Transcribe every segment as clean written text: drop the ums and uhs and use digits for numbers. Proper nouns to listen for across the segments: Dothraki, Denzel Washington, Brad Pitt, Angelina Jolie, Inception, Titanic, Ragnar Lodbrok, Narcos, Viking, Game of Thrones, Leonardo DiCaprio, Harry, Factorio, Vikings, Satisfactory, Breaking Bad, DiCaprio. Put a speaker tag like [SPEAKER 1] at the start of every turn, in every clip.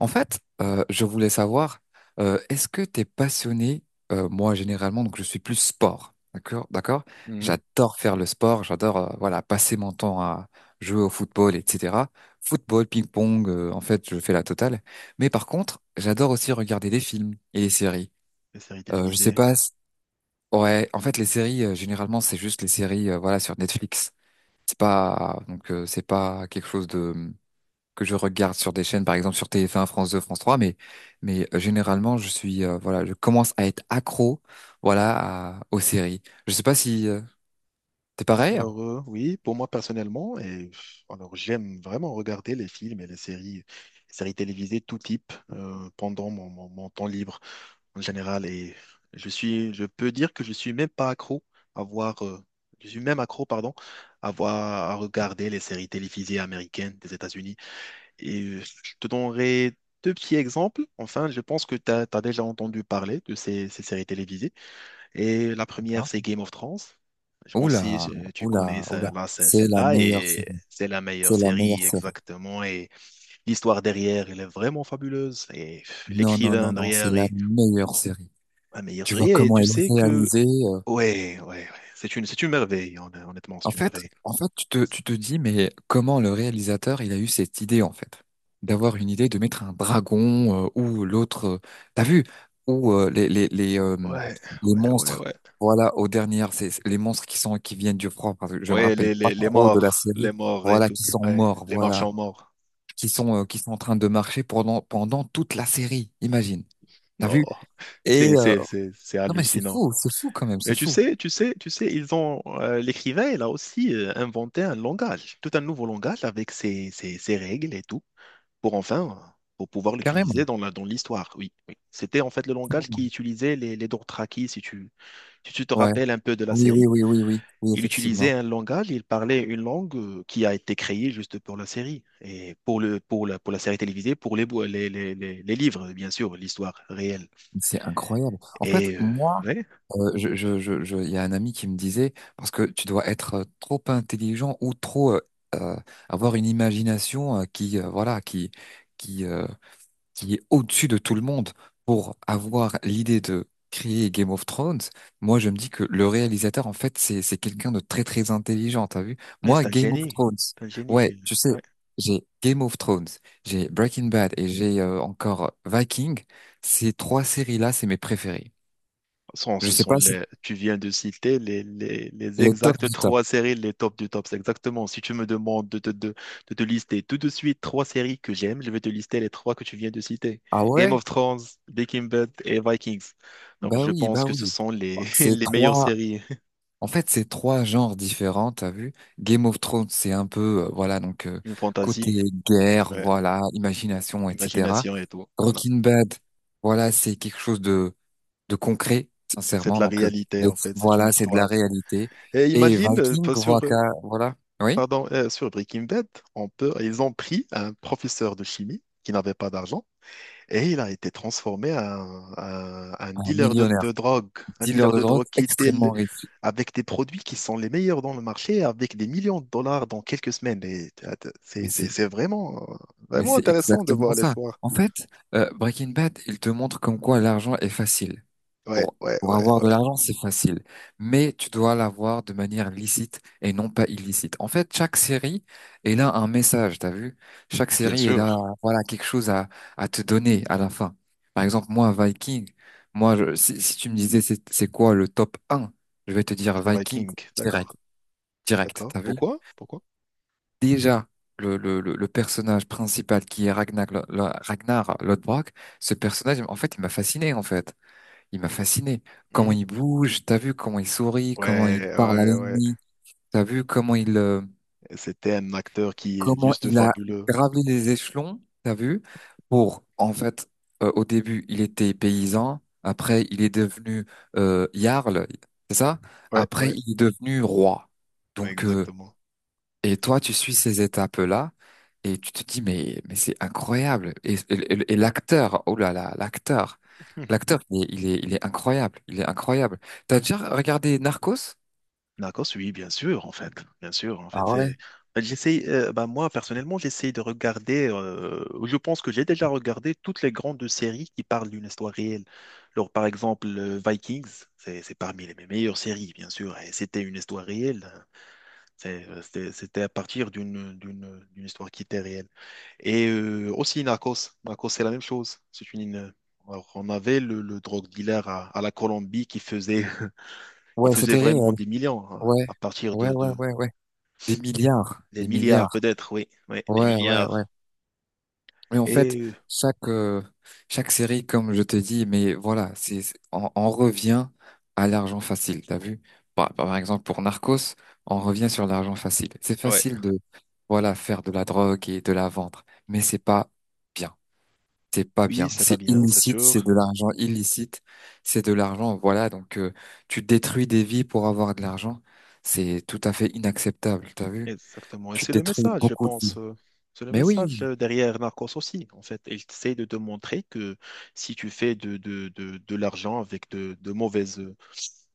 [SPEAKER 1] En fait, je voulais savoir, est-ce que tu es passionné, moi généralement, donc je suis plus sport, d'accord, d'accord?
[SPEAKER 2] Mhm.
[SPEAKER 1] J'adore faire le sport, j'adore voilà passer mon temps à jouer au football, etc. Football, ping-pong, en fait, je fais la totale. Mais par contre, j'adore aussi regarder des films et des séries.
[SPEAKER 2] Les séries
[SPEAKER 1] Je sais
[SPEAKER 2] télévisées.
[SPEAKER 1] pas, ouais, en fait, les séries, généralement, c'est juste les séries, voilà, sur Netflix. C'est pas, donc, c'est pas quelque chose de que je regarde sur des chaînes, par exemple sur TF1, France 2, France 3, mais généralement je suis voilà, je commence à être accro voilà aux séries. Je sais pas si t'es pareil, hein.
[SPEAKER 2] Alors, oui, pour moi personnellement, et alors j'aime vraiment regarder les films et les séries télévisées tout type pendant mon temps libre en général. Et je suis, je peux dire que je suis même pas accro à voir, je suis même accro, pardon, à voir, à regarder les séries télévisées américaines des États-Unis. Et je te donnerai deux petits exemples. Enfin, je pense que tu as déjà entendu parler de ces séries télévisées. Et la première, c'est Game of Thrones. Je pense si
[SPEAKER 1] Oula,
[SPEAKER 2] tu connais
[SPEAKER 1] oula, oula,
[SPEAKER 2] là,
[SPEAKER 1] c'est la
[SPEAKER 2] celle-là,
[SPEAKER 1] meilleure
[SPEAKER 2] et
[SPEAKER 1] série,
[SPEAKER 2] c'est la meilleure
[SPEAKER 1] c'est la meilleure
[SPEAKER 2] série
[SPEAKER 1] série.
[SPEAKER 2] exactement. Et l'histoire derrière, elle est vraiment fabuleuse. Et
[SPEAKER 1] Non, non, non,
[SPEAKER 2] l'écrivain
[SPEAKER 1] non, c'est
[SPEAKER 2] derrière
[SPEAKER 1] la
[SPEAKER 2] est
[SPEAKER 1] meilleure série.
[SPEAKER 2] la meilleure
[SPEAKER 1] Tu vois
[SPEAKER 2] série. Et
[SPEAKER 1] comment
[SPEAKER 2] tu
[SPEAKER 1] elle
[SPEAKER 2] sais
[SPEAKER 1] est
[SPEAKER 2] que,
[SPEAKER 1] réalisée.
[SPEAKER 2] ouais, ouais, ouais, c'est une merveille, honnêtement,
[SPEAKER 1] En
[SPEAKER 2] c'est une
[SPEAKER 1] fait,
[SPEAKER 2] merveille.
[SPEAKER 1] en fait, tu te dis, mais comment le réalisateur, il a eu cette idée, en fait, d'avoir une idée de mettre un dragon ou l'autre, t'as vu, ou les
[SPEAKER 2] Ouais,
[SPEAKER 1] les
[SPEAKER 2] ouais, ouais,
[SPEAKER 1] monstres,
[SPEAKER 2] ouais.
[SPEAKER 1] voilà, aux dernières, c'est les monstres qui sont qui viennent du froid, parce que je me
[SPEAKER 2] Ouais,
[SPEAKER 1] rappelle pas trop de la
[SPEAKER 2] les
[SPEAKER 1] série,
[SPEAKER 2] morts et
[SPEAKER 1] voilà,
[SPEAKER 2] tout.
[SPEAKER 1] qui sont
[SPEAKER 2] Ouais,
[SPEAKER 1] morts,
[SPEAKER 2] les
[SPEAKER 1] voilà,
[SPEAKER 2] marchands morts.
[SPEAKER 1] qui sont en train de marcher pendant toute la série, imagine, t'as
[SPEAKER 2] Non,
[SPEAKER 1] vu? Et
[SPEAKER 2] c'est
[SPEAKER 1] non mais
[SPEAKER 2] hallucinant.
[SPEAKER 1] c'est fou quand même,
[SPEAKER 2] Et
[SPEAKER 1] c'est
[SPEAKER 2] tu
[SPEAKER 1] fou,
[SPEAKER 2] sais, tu sais, tu sais, ils ont l'écrivain, il a aussi inventé un langage, tout un nouveau langage avec ses, ses règles et tout, pour enfin, pour pouvoir
[SPEAKER 1] carrément.
[SPEAKER 2] l'utiliser dans la, dans l'histoire. Oui, oui. C'était en fait le langage qui utilisait les Dothraki, si tu, si tu te
[SPEAKER 1] Ouais,
[SPEAKER 2] rappelles un peu de la
[SPEAKER 1] oui, oui,
[SPEAKER 2] série.
[SPEAKER 1] oui, oui, oui, oui,
[SPEAKER 2] Il utilisait
[SPEAKER 1] effectivement.
[SPEAKER 2] un langage, il parlait une langue qui a été créée juste pour la série et pour le, pour la série télévisée, pour les, les livres, bien sûr, l'histoire réelle.
[SPEAKER 1] C'est incroyable. En fait,
[SPEAKER 2] Et
[SPEAKER 1] moi,
[SPEAKER 2] ouais,
[SPEAKER 1] il y a un ami qui me disait, parce que tu dois être trop intelligent ou trop euh, avoir une imagination qui, voilà, qui, qui est au-dessus de tout le monde pour avoir l'idée de créer Game of Thrones. Moi je me dis que le réalisateur en fait c'est quelqu'un de très très intelligent, t'as vu?
[SPEAKER 2] ouais,
[SPEAKER 1] Moi
[SPEAKER 2] c'est un
[SPEAKER 1] Game of
[SPEAKER 2] génie.
[SPEAKER 1] Thrones,
[SPEAKER 2] C'est un génie,
[SPEAKER 1] ouais,
[SPEAKER 2] Gilles.
[SPEAKER 1] tu sais, j'ai Game of Thrones, j'ai Breaking Bad et j'ai encore Viking. Ces trois séries-là, c'est mes préférées. Je
[SPEAKER 2] Ce
[SPEAKER 1] sais
[SPEAKER 2] sont
[SPEAKER 1] pas si
[SPEAKER 2] les, tu viens de citer les
[SPEAKER 1] c'est le top
[SPEAKER 2] exactes
[SPEAKER 1] du top.
[SPEAKER 2] trois séries, les tops du top. C'est exactement. Si tu me demandes de te lister tout de suite trois séries que j'aime, je vais te lister les trois que tu viens de citer.
[SPEAKER 1] Ah
[SPEAKER 2] Game
[SPEAKER 1] ouais?
[SPEAKER 2] of Thrones, Breaking Bad et Vikings.
[SPEAKER 1] Bah
[SPEAKER 2] Donc, je
[SPEAKER 1] oui,
[SPEAKER 2] pense
[SPEAKER 1] bah
[SPEAKER 2] que ce
[SPEAKER 1] oui.
[SPEAKER 2] sont les,
[SPEAKER 1] Ces
[SPEAKER 2] les meilleures
[SPEAKER 1] trois
[SPEAKER 2] séries.
[SPEAKER 1] En fait, c'est trois genres différents, t'as vu? Game of Thrones, c'est un peu, voilà, donc
[SPEAKER 2] Une
[SPEAKER 1] côté
[SPEAKER 2] fantaisie,
[SPEAKER 1] guerre,
[SPEAKER 2] ouais,
[SPEAKER 1] voilà, imagination, etc.
[SPEAKER 2] imagination et tout. Voilà.
[SPEAKER 1] Breaking Bad, voilà, c'est quelque chose de concret,
[SPEAKER 2] C'est de
[SPEAKER 1] sincèrement.
[SPEAKER 2] la
[SPEAKER 1] Donc, euh,
[SPEAKER 2] réalité,
[SPEAKER 1] donc,
[SPEAKER 2] en fait. C'est une
[SPEAKER 1] voilà, c'est de la
[SPEAKER 2] histoire.
[SPEAKER 1] réalité.
[SPEAKER 2] Et
[SPEAKER 1] Et
[SPEAKER 2] imagine,
[SPEAKER 1] Viking,
[SPEAKER 2] pas sur,
[SPEAKER 1] voilà, voilà, oui,
[SPEAKER 2] pardon, sur Breaking Bad, on peut, ils ont pris un professeur de chimie qui n'avait pas d'argent. Et il a été transformé en, en
[SPEAKER 1] un
[SPEAKER 2] dealer
[SPEAKER 1] millionnaire,
[SPEAKER 2] de drogue, un
[SPEAKER 1] dealer
[SPEAKER 2] dealer
[SPEAKER 1] de
[SPEAKER 2] de
[SPEAKER 1] drogue,
[SPEAKER 2] drogue qui était
[SPEAKER 1] extrêmement riche.
[SPEAKER 2] avec des produits qui sont les meilleurs dans le marché, avec des millions de dollars dans quelques semaines. Et
[SPEAKER 1] Mais c'est,
[SPEAKER 2] c'est vraiment,
[SPEAKER 1] mais
[SPEAKER 2] vraiment
[SPEAKER 1] c'est
[SPEAKER 2] intéressant de
[SPEAKER 1] exactement
[SPEAKER 2] voir
[SPEAKER 1] ça.
[SPEAKER 2] l'histoire.
[SPEAKER 1] En fait, Breaking Bad, il te montre comme quoi l'argent est facile.
[SPEAKER 2] Ouais,
[SPEAKER 1] Pour,
[SPEAKER 2] ouais,
[SPEAKER 1] pour
[SPEAKER 2] ouais,
[SPEAKER 1] avoir de
[SPEAKER 2] ouais.
[SPEAKER 1] l'argent, c'est facile, mais tu dois l'avoir de manière licite et non pas illicite. En fait, chaque série est là un message, t'as vu? Chaque
[SPEAKER 2] Bien
[SPEAKER 1] série est là,
[SPEAKER 2] sûr,
[SPEAKER 1] voilà, quelque chose à te donner à la fin. Par exemple, moi, Viking, moi, si tu me disais c'est quoi le top un, je vais te dire
[SPEAKER 2] c'est
[SPEAKER 1] Viking
[SPEAKER 2] Viking.
[SPEAKER 1] direct,
[SPEAKER 2] D'accord,
[SPEAKER 1] direct,
[SPEAKER 2] d'accord.
[SPEAKER 1] t'as vu?
[SPEAKER 2] Pourquoi? Pourquoi?
[SPEAKER 1] Déjà, le personnage principal qui est Ragnar, Ragnar Lodbrok, ce personnage, en fait, il m'a fasciné, en fait. Il m'a fasciné. Comment
[SPEAKER 2] Mhm.
[SPEAKER 1] il bouge, t'as vu comment il sourit, comment
[SPEAKER 2] Ouais,
[SPEAKER 1] il parle à
[SPEAKER 2] ouais, ouais.
[SPEAKER 1] l'ennemi, t'as vu
[SPEAKER 2] C'était un acteur qui est
[SPEAKER 1] comment
[SPEAKER 2] juste
[SPEAKER 1] il a
[SPEAKER 2] fabuleux.
[SPEAKER 1] gravé les échelons, t'as vu, pour, en fait, au début, il était paysan, après, il est devenu jarl, c'est ça?
[SPEAKER 2] Ouais,
[SPEAKER 1] Après,
[SPEAKER 2] ouais,
[SPEAKER 1] il est devenu roi. Donc,
[SPEAKER 2] exactement.
[SPEAKER 1] et toi, tu suis ces étapes-là et tu te dis, mais c'est incroyable. Et l'acteur, oh là là, l'acteur, il est incroyable. Il est incroyable. T'as déjà regardé Narcos?
[SPEAKER 2] D'accord, oui, bien sûr, en fait, bien sûr, en fait,
[SPEAKER 1] Ah ouais?
[SPEAKER 2] ben, j'essaye, ben, moi, personnellement, j'essaye de regarder, je pense que j'ai déjà regardé toutes les grandes séries qui parlent d'une histoire réelle. Alors, par exemple, Vikings, c'est parmi les mes meilleures séries, bien sûr, et c'était une histoire réelle, hein. C'était à partir d'une histoire qui était réelle. Et aussi Narcos, Narcos, c'est la même chose, c'est une... Alors, on avait le drogue dealer à la Colombie qui faisait il
[SPEAKER 1] Ouais,
[SPEAKER 2] faisait
[SPEAKER 1] c'était réel.
[SPEAKER 2] vraiment des millions hein,
[SPEAKER 1] Ouais,
[SPEAKER 2] à partir
[SPEAKER 1] ouais, ouais, ouais, ouais. Des milliards,
[SPEAKER 2] des
[SPEAKER 1] des
[SPEAKER 2] milliards,
[SPEAKER 1] milliards.
[SPEAKER 2] peut-être, oui. Oui, des
[SPEAKER 1] Ouais, ouais, ouais.
[SPEAKER 2] milliards.
[SPEAKER 1] Et en fait,
[SPEAKER 2] Et
[SPEAKER 1] chaque, euh, chaque série, comme je te dis, mais voilà, on revient à l'argent facile, t'as vu? Par exemple, pour Narcos, on revient sur l'argent facile. C'est
[SPEAKER 2] ouais,
[SPEAKER 1] facile de, voilà, faire de la drogue et de la vendre, mais c'est pas bien. C'est pas
[SPEAKER 2] oui,
[SPEAKER 1] bien.
[SPEAKER 2] c'est pas
[SPEAKER 1] C'est
[SPEAKER 2] bien, c'est
[SPEAKER 1] illicite, c'est
[SPEAKER 2] sûr.
[SPEAKER 1] de l'argent illicite, c'est de l'argent, voilà, donc tu détruis des vies pour avoir de l'argent. C'est tout à fait inacceptable, t'as vu?
[SPEAKER 2] Exactement. Et
[SPEAKER 1] Tu
[SPEAKER 2] c'est le
[SPEAKER 1] détruis
[SPEAKER 2] message, je
[SPEAKER 1] beaucoup de vies.
[SPEAKER 2] pense. C'est le
[SPEAKER 1] Mais oui,
[SPEAKER 2] message derrière Narcos aussi, en fait. Il essaie de te montrer que si tu fais de l'argent avec de,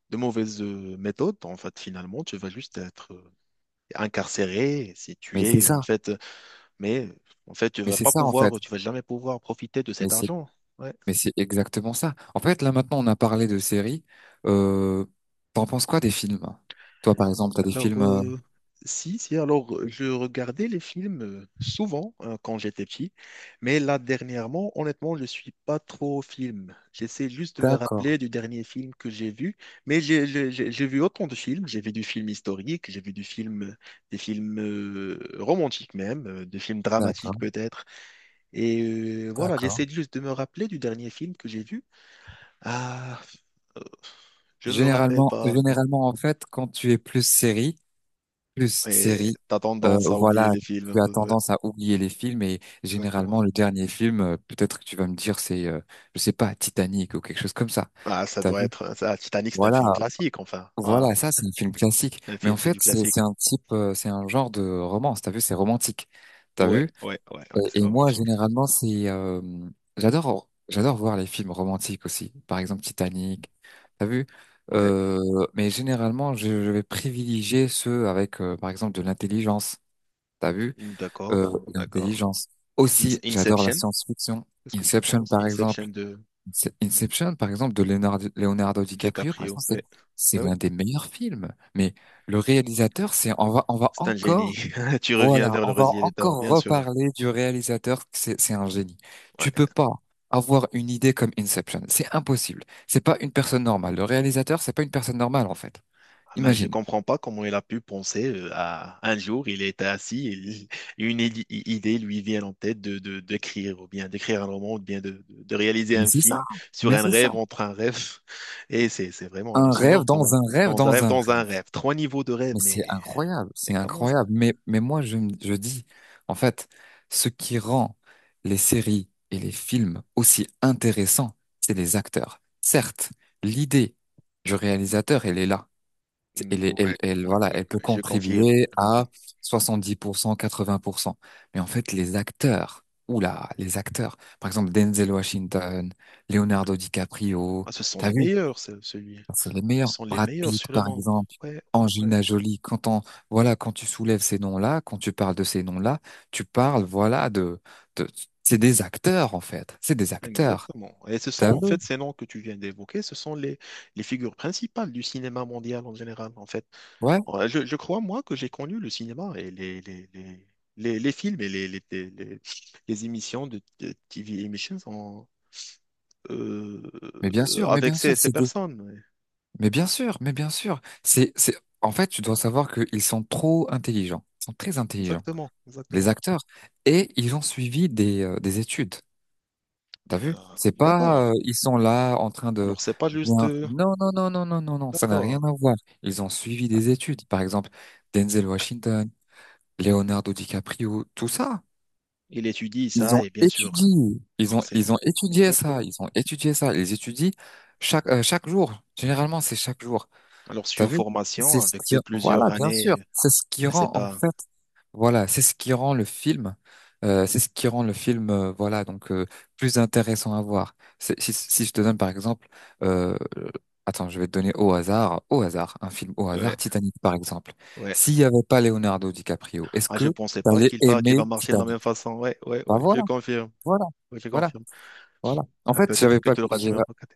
[SPEAKER 2] de mauvaises méthodes, en fait, finalement, tu vas juste être incarcéré, si tu
[SPEAKER 1] mais c'est
[SPEAKER 2] es, en
[SPEAKER 1] ça.
[SPEAKER 2] fait. Mais, en fait, tu
[SPEAKER 1] Mais
[SPEAKER 2] vas
[SPEAKER 1] c'est
[SPEAKER 2] pas
[SPEAKER 1] ça en fait.
[SPEAKER 2] pouvoir, tu vas jamais pouvoir profiter de
[SPEAKER 1] Mais
[SPEAKER 2] cet
[SPEAKER 1] c'est
[SPEAKER 2] argent. Ouais.
[SPEAKER 1] Mais c'est exactement ça. En fait, là maintenant, on a parlé de séries. Euh, T'en penses quoi des films? Toi, par exemple, t'as des
[SPEAKER 2] Alors,
[SPEAKER 1] films.
[SPEAKER 2] si, si, alors je regardais les films souvent hein, quand j'étais petit, mais là dernièrement, honnêtement, je suis pas trop au film. J'essaie juste de me
[SPEAKER 1] D'accord,
[SPEAKER 2] rappeler du dernier film que j'ai vu, mais j'ai vu autant de films. J'ai vu du film historique, j'ai vu du film, des films romantiques même, des films
[SPEAKER 1] d'accord,
[SPEAKER 2] dramatiques peut-être. Et voilà,
[SPEAKER 1] d'accord.
[SPEAKER 2] j'essaie juste de me rappeler du dernier film que j'ai vu. Ah, euh, je me rappelle
[SPEAKER 1] Généralement,
[SPEAKER 2] pas, non.
[SPEAKER 1] généralement, en fait, quand tu es plus
[SPEAKER 2] Et
[SPEAKER 1] série,
[SPEAKER 2] t'as tendance à oublier
[SPEAKER 1] voilà,
[SPEAKER 2] les films un
[SPEAKER 1] tu as
[SPEAKER 2] peu. Ouais.
[SPEAKER 1] tendance à oublier les films. Et
[SPEAKER 2] Exactement.
[SPEAKER 1] généralement, le dernier film, peut-être que tu vas me dire, c'est, je sais pas, Titanic ou quelque chose comme ça.
[SPEAKER 2] Ah, ça
[SPEAKER 1] T'as
[SPEAKER 2] doit
[SPEAKER 1] vu?
[SPEAKER 2] être ça. Titanic, c'est un
[SPEAKER 1] Voilà.
[SPEAKER 2] film classique, enfin. Voilà.
[SPEAKER 1] Voilà, ça, c'est un film classique.
[SPEAKER 2] Un
[SPEAKER 1] Mais
[SPEAKER 2] film,
[SPEAKER 1] en
[SPEAKER 2] c'est
[SPEAKER 1] fait,
[SPEAKER 2] du
[SPEAKER 1] c'est
[SPEAKER 2] classique.
[SPEAKER 1] c'est un type, c'est un genre de romance. T'as vu, c'est romantique. T'as
[SPEAKER 2] Ouais,
[SPEAKER 1] vu?
[SPEAKER 2] ouais, ouais, ouais,
[SPEAKER 1] Et,
[SPEAKER 2] c'est
[SPEAKER 1] et moi,
[SPEAKER 2] romantique.
[SPEAKER 1] généralement, c'est, j'adore voir les films romantiques aussi. Par exemple, Titanic. T'as vu?
[SPEAKER 2] Ouais.
[SPEAKER 1] Euh, mais généralement, je vais privilégier ceux avec, par exemple, de l'intelligence. T'as vu? Euh,
[SPEAKER 2] D'accord, d'accord.
[SPEAKER 1] L'intelligence. Aussi, j'adore la
[SPEAKER 2] Inception,
[SPEAKER 1] science-fiction.
[SPEAKER 2] qu'est-ce que tu
[SPEAKER 1] Inception,
[SPEAKER 2] penses?
[SPEAKER 1] par exemple.
[SPEAKER 2] Inception de
[SPEAKER 1] Inception, par exemple, de Leonardo DiCaprio, par
[SPEAKER 2] DiCaprio.
[SPEAKER 1] exemple,
[SPEAKER 2] Ouais,
[SPEAKER 1] c'est
[SPEAKER 2] ouais, ouais.
[SPEAKER 1] l'un des meilleurs films. Mais le réalisateur, c'est, on va
[SPEAKER 2] C'est un génie.
[SPEAKER 1] encore,
[SPEAKER 2] Tu
[SPEAKER 1] voilà,
[SPEAKER 2] reviens vers
[SPEAKER 1] on
[SPEAKER 2] le
[SPEAKER 1] va
[SPEAKER 2] rosier des torts,
[SPEAKER 1] encore
[SPEAKER 2] bien sûr.
[SPEAKER 1] reparler du réalisateur, c'est un génie. Tu peux pas avoir une idée comme Inception. C'est impossible. C'est pas une personne normale. Le réalisateur, c'est pas une personne normale, en fait.
[SPEAKER 2] Ah, mais je
[SPEAKER 1] Imagine.
[SPEAKER 2] comprends pas comment il a pu penser à un jour, il était assis et une idée lui vient en tête d'écrire, ou bien d'écrire un roman, ou bien de réaliser
[SPEAKER 1] Mais
[SPEAKER 2] un
[SPEAKER 1] c'est ça.
[SPEAKER 2] film sur
[SPEAKER 1] Mais
[SPEAKER 2] un
[SPEAKER 1] c'est ça.
[SPEAKER 2] rêve entre un rêve. Et c'est vraiment
[SPEAKER 1] Un
[SPEAKER 2] hallucinant.
[SPEAKER 1] rêve dans un
[SPEAKER 2] Comment?
[SPEAKER 1] rêve
[SPEAKER 2] Dans un
[SPEAKER 1] dans
[SPEAKER 2] rêve,
[SPEAKER 1] un
[SPEAKER 2] dans
[SPEAKER 1] rêve.
[SPEAKER 2] un rêve. Trois niveaux de rêve,
[SPEAKER 1] Mais c'est incroyable,
[SPEAKER 2] mais
[SPEAKER 1] c'est
[SPEAKER 2] comment ça?
[SPEAKER 1] incroyable. Mais moi, je dis, en fait, ce qui rend les séries et les films aussi intéressants, c'est les acteurs. Certes, l'idée du réalisateur, elle est là.
[SPEAKER 2] Mm.
[SPEAKER 1] Elle, est- elle,
[SPEAKER 2] Ouais,
[SPEAKER 1] elle,
[SPEAKER 2] ouais,
[SPEAKER 1] voilà,
[SPEAKER 2] ouais,
[SPEAKER 1] elle peut
[SPEAKER 2] ouais,
[SPEAKER 1] contribuer
[SPEAKER 2] je
[SPEAKER 1] à
[SPEAKER 2] confirme.
[SPEAKER 1] 70%, 80%. Mais en fait, les acteurs, oula, les acteurs, par exemple, Denzel Washington, Leonardo DiCaprio,
[SPEAKER 2] Ah, ce sont
[SPEAKER 1] t'as
[SPEAKER 2] les
[SPEAKER 1] vu,
[SPEAKER 2] meilleurs, celui.
[SPEAKER 1] enfin, c'est les meilleurs.
[SPEAKER 2] Ce sont les
[SPEAKER 1] Brad
[SPEAKER 2] meilleurs
[SPEAKER 1] Pitt,
[SPEAKER 2] sur le
[SPEAKER 1] par
[SPEAKER 2] monde.
[SPEAKER 1] exemple,
[SPEAKER 2] Ouais, ouais, ouais.
[SPEAKER 1] Angelina Jolie. Quand tu soulèves ces noms-là, quand tu parles de ces noms-là, tu parles, voilà, de, c'est des acteurs, en fait. C'est des acteurs.
[SPEAKER 2] Exactement. Et ce sont,
[SPEAKER 1] T'as vu?
[SPEAKER 2] en fait, ces noms que tu viens d'évoquer, ce sont les figures principales du cinéma mondial en général, en fait.
[SPEAKER 1] Ouais.
[SPEAKER 2] Ouais, je crois, moi, que j'ai connu le cinéma et les films et les émissions de TV Emissions euh,
[SPEAKER 1] Mais bien sûr, mais
[SPEAKER 2] avec
[SPEAKER 1] bien sûr,
[SPEAKER 2] ces, ces personnes. Ouais.
[SPEAKER 1] mais bien sûr, mais bien sûr. En fait, tu dois savoir qu'ils sont trop intelligents. Ils sont très intelligents,
[SPEAKER 2] Exactement,
[SPEAKER 1] les
[SPEAKER 2] exactement.
[SPEAKER 1] acteurs. Et ils ont suivi des études. T'as
[SPEAKER 2] Euh,
[SPEAKER 1] vu? C'est
[SPEAKER 2] d'accord.
[SPEAKER 1] pas, ils sont là en train de
[SPEAKER 2] Alors, c'est pas juste...
[SPEAKER 1] bien. Non, non, non, non, non, non, non, ça n'a
[SPEAKER 2] d'accord.
[SPEAKER 1] rien à voir. Ils ont suivi des études. Par exemple, Denzel Washington, Leonardo DiCaprio, tout ça.
[SPEAKER 2] Il étudie
[SPEAKER 1] Ils
[SPEAKER 2] ça,
[SPEAKER 1] ont
[SPEAKER 2] et bien sûr.
[SPEAKER 1] étudié. Ils
[SPEAKER 2] Alors,
[SPEAKER 1] ont,
[SPEAKER 2] c'est...
[SPEAKER 1] ils ont étudié ça.
[SPEAKER 2] Exactement.
[SPEAKER 1] Ils ont étudié ça. Ils étudient chaque jour. Généralement, c'est chaque jour.
[SPEAKER 2] Alors, c'est
[SPEAKER 1] T'as
[SPEAKER 2] une
[SPEAKER 1] vu?
[SPEAKER 2] formation
[SPEAKER 1] C'est ce
[SPEAKER 2] avec
[SPEAKER 1] qui,
[SPEAKER 2] de plusieurs
[SPEAKER 1] voilà, bien sûr.
[SPEAKER 2] années,
[SPEAKER 1] C'est ce qui
[SPEAKER 2] c'est
[SPEAKER 1] rend, en
[SPEAKER 2] pas...
[SPEAKER 1] fait, voilà, c'est ce qui rend le film, voilà, donc plus intéressant à voir. Si je te donne par exemple, euh, attends, je vais te donner au hasard, un film au hasard,
[SPEAKER 2] Ouais,
[SPEAKER 1] Titanic par exemple.
[SPEAKER 2] ouais.
[SPEAKER 1] S'il n'y avait pas Leonardo DiCaprio, est-ce
[SPEAKER 2] Ah,
[SPEAKER 1] que
[SPEAKER 2] je pensais
[SPEAKER 1] tu
[SPEAKER 2] pas
[SPEAKER 1] allais
[SPEAKER 2] qu'il va, qu'il
[SPEAKER 1] aimer
[SPEAKER 2] va marcher de la
[SPEAKER 1] Titanic?
[SPEAKER 2] même façon. Ouais, ouais,
[SPEAKER 1] Bah
[SPEAKER 2] ouais, je
[SPEAKER 1] voilà,
[SPEAKER 2] confirme.
[SPEAKER 1] voilà,
[SPEAKER 2] Ouais, je
[SPEAKER 1] voilà,
[SPEAKER 2] confirme.
[SPEAKER 1] voilà. En
[SPEAKER 2] Ah,
[SPEAKER 1] fait,
[SPEAKER 2] peut-être
[SPEAKER 1] j'avais
[SPEAKER 2] que
[SPEAKER 1] pas,
[SPEAKER 2] tu l'auras jamais regretté.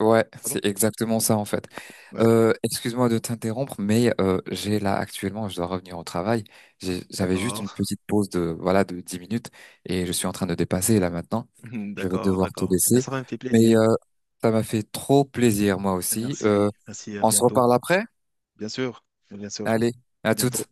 [SPEAKER 1] Ouais,
[SPEAKER 2] Ah bon?
[SPEAKER 1] c'est exactement ça en fait.
[SPEAKER 2] Ouais,
[SPEAKER 1] Excuse-moi de t'interrompre, mais j'ai là actuellement, je dois revenir au travail. J'avais juste
[SPEAKER 2] d'accord.
[SPEAKER 1] une petite pause de voilà de 10 minutes et je suis en train de dépasser là maintenant. Je vais
[SPEAKER 2] D'accord,
[SPEAKER 1] devoir te
[SPEAKER 2] d'accord. Et
[SPEAKER 1] laisser,
[SPEAKER 2] ça me fait
[SPEAKER 1] mais
[SPEAKER 2] plaisir.
[SPEAKER 1] ça m'a fait trop plaisir moi aussi.
[SPEAKER 2] Merci, merci, à
[SPEAKER 1] On se
[SPEAKER 2] bientôt.
[SPEAKER 1] reparle après?
[SPEAKER 2] Bien sûr, bien sûr.
[SPEAKER 1] Allez, à
[SPEAKER 2] Bientôt.
[SPEAKER 1] toutes.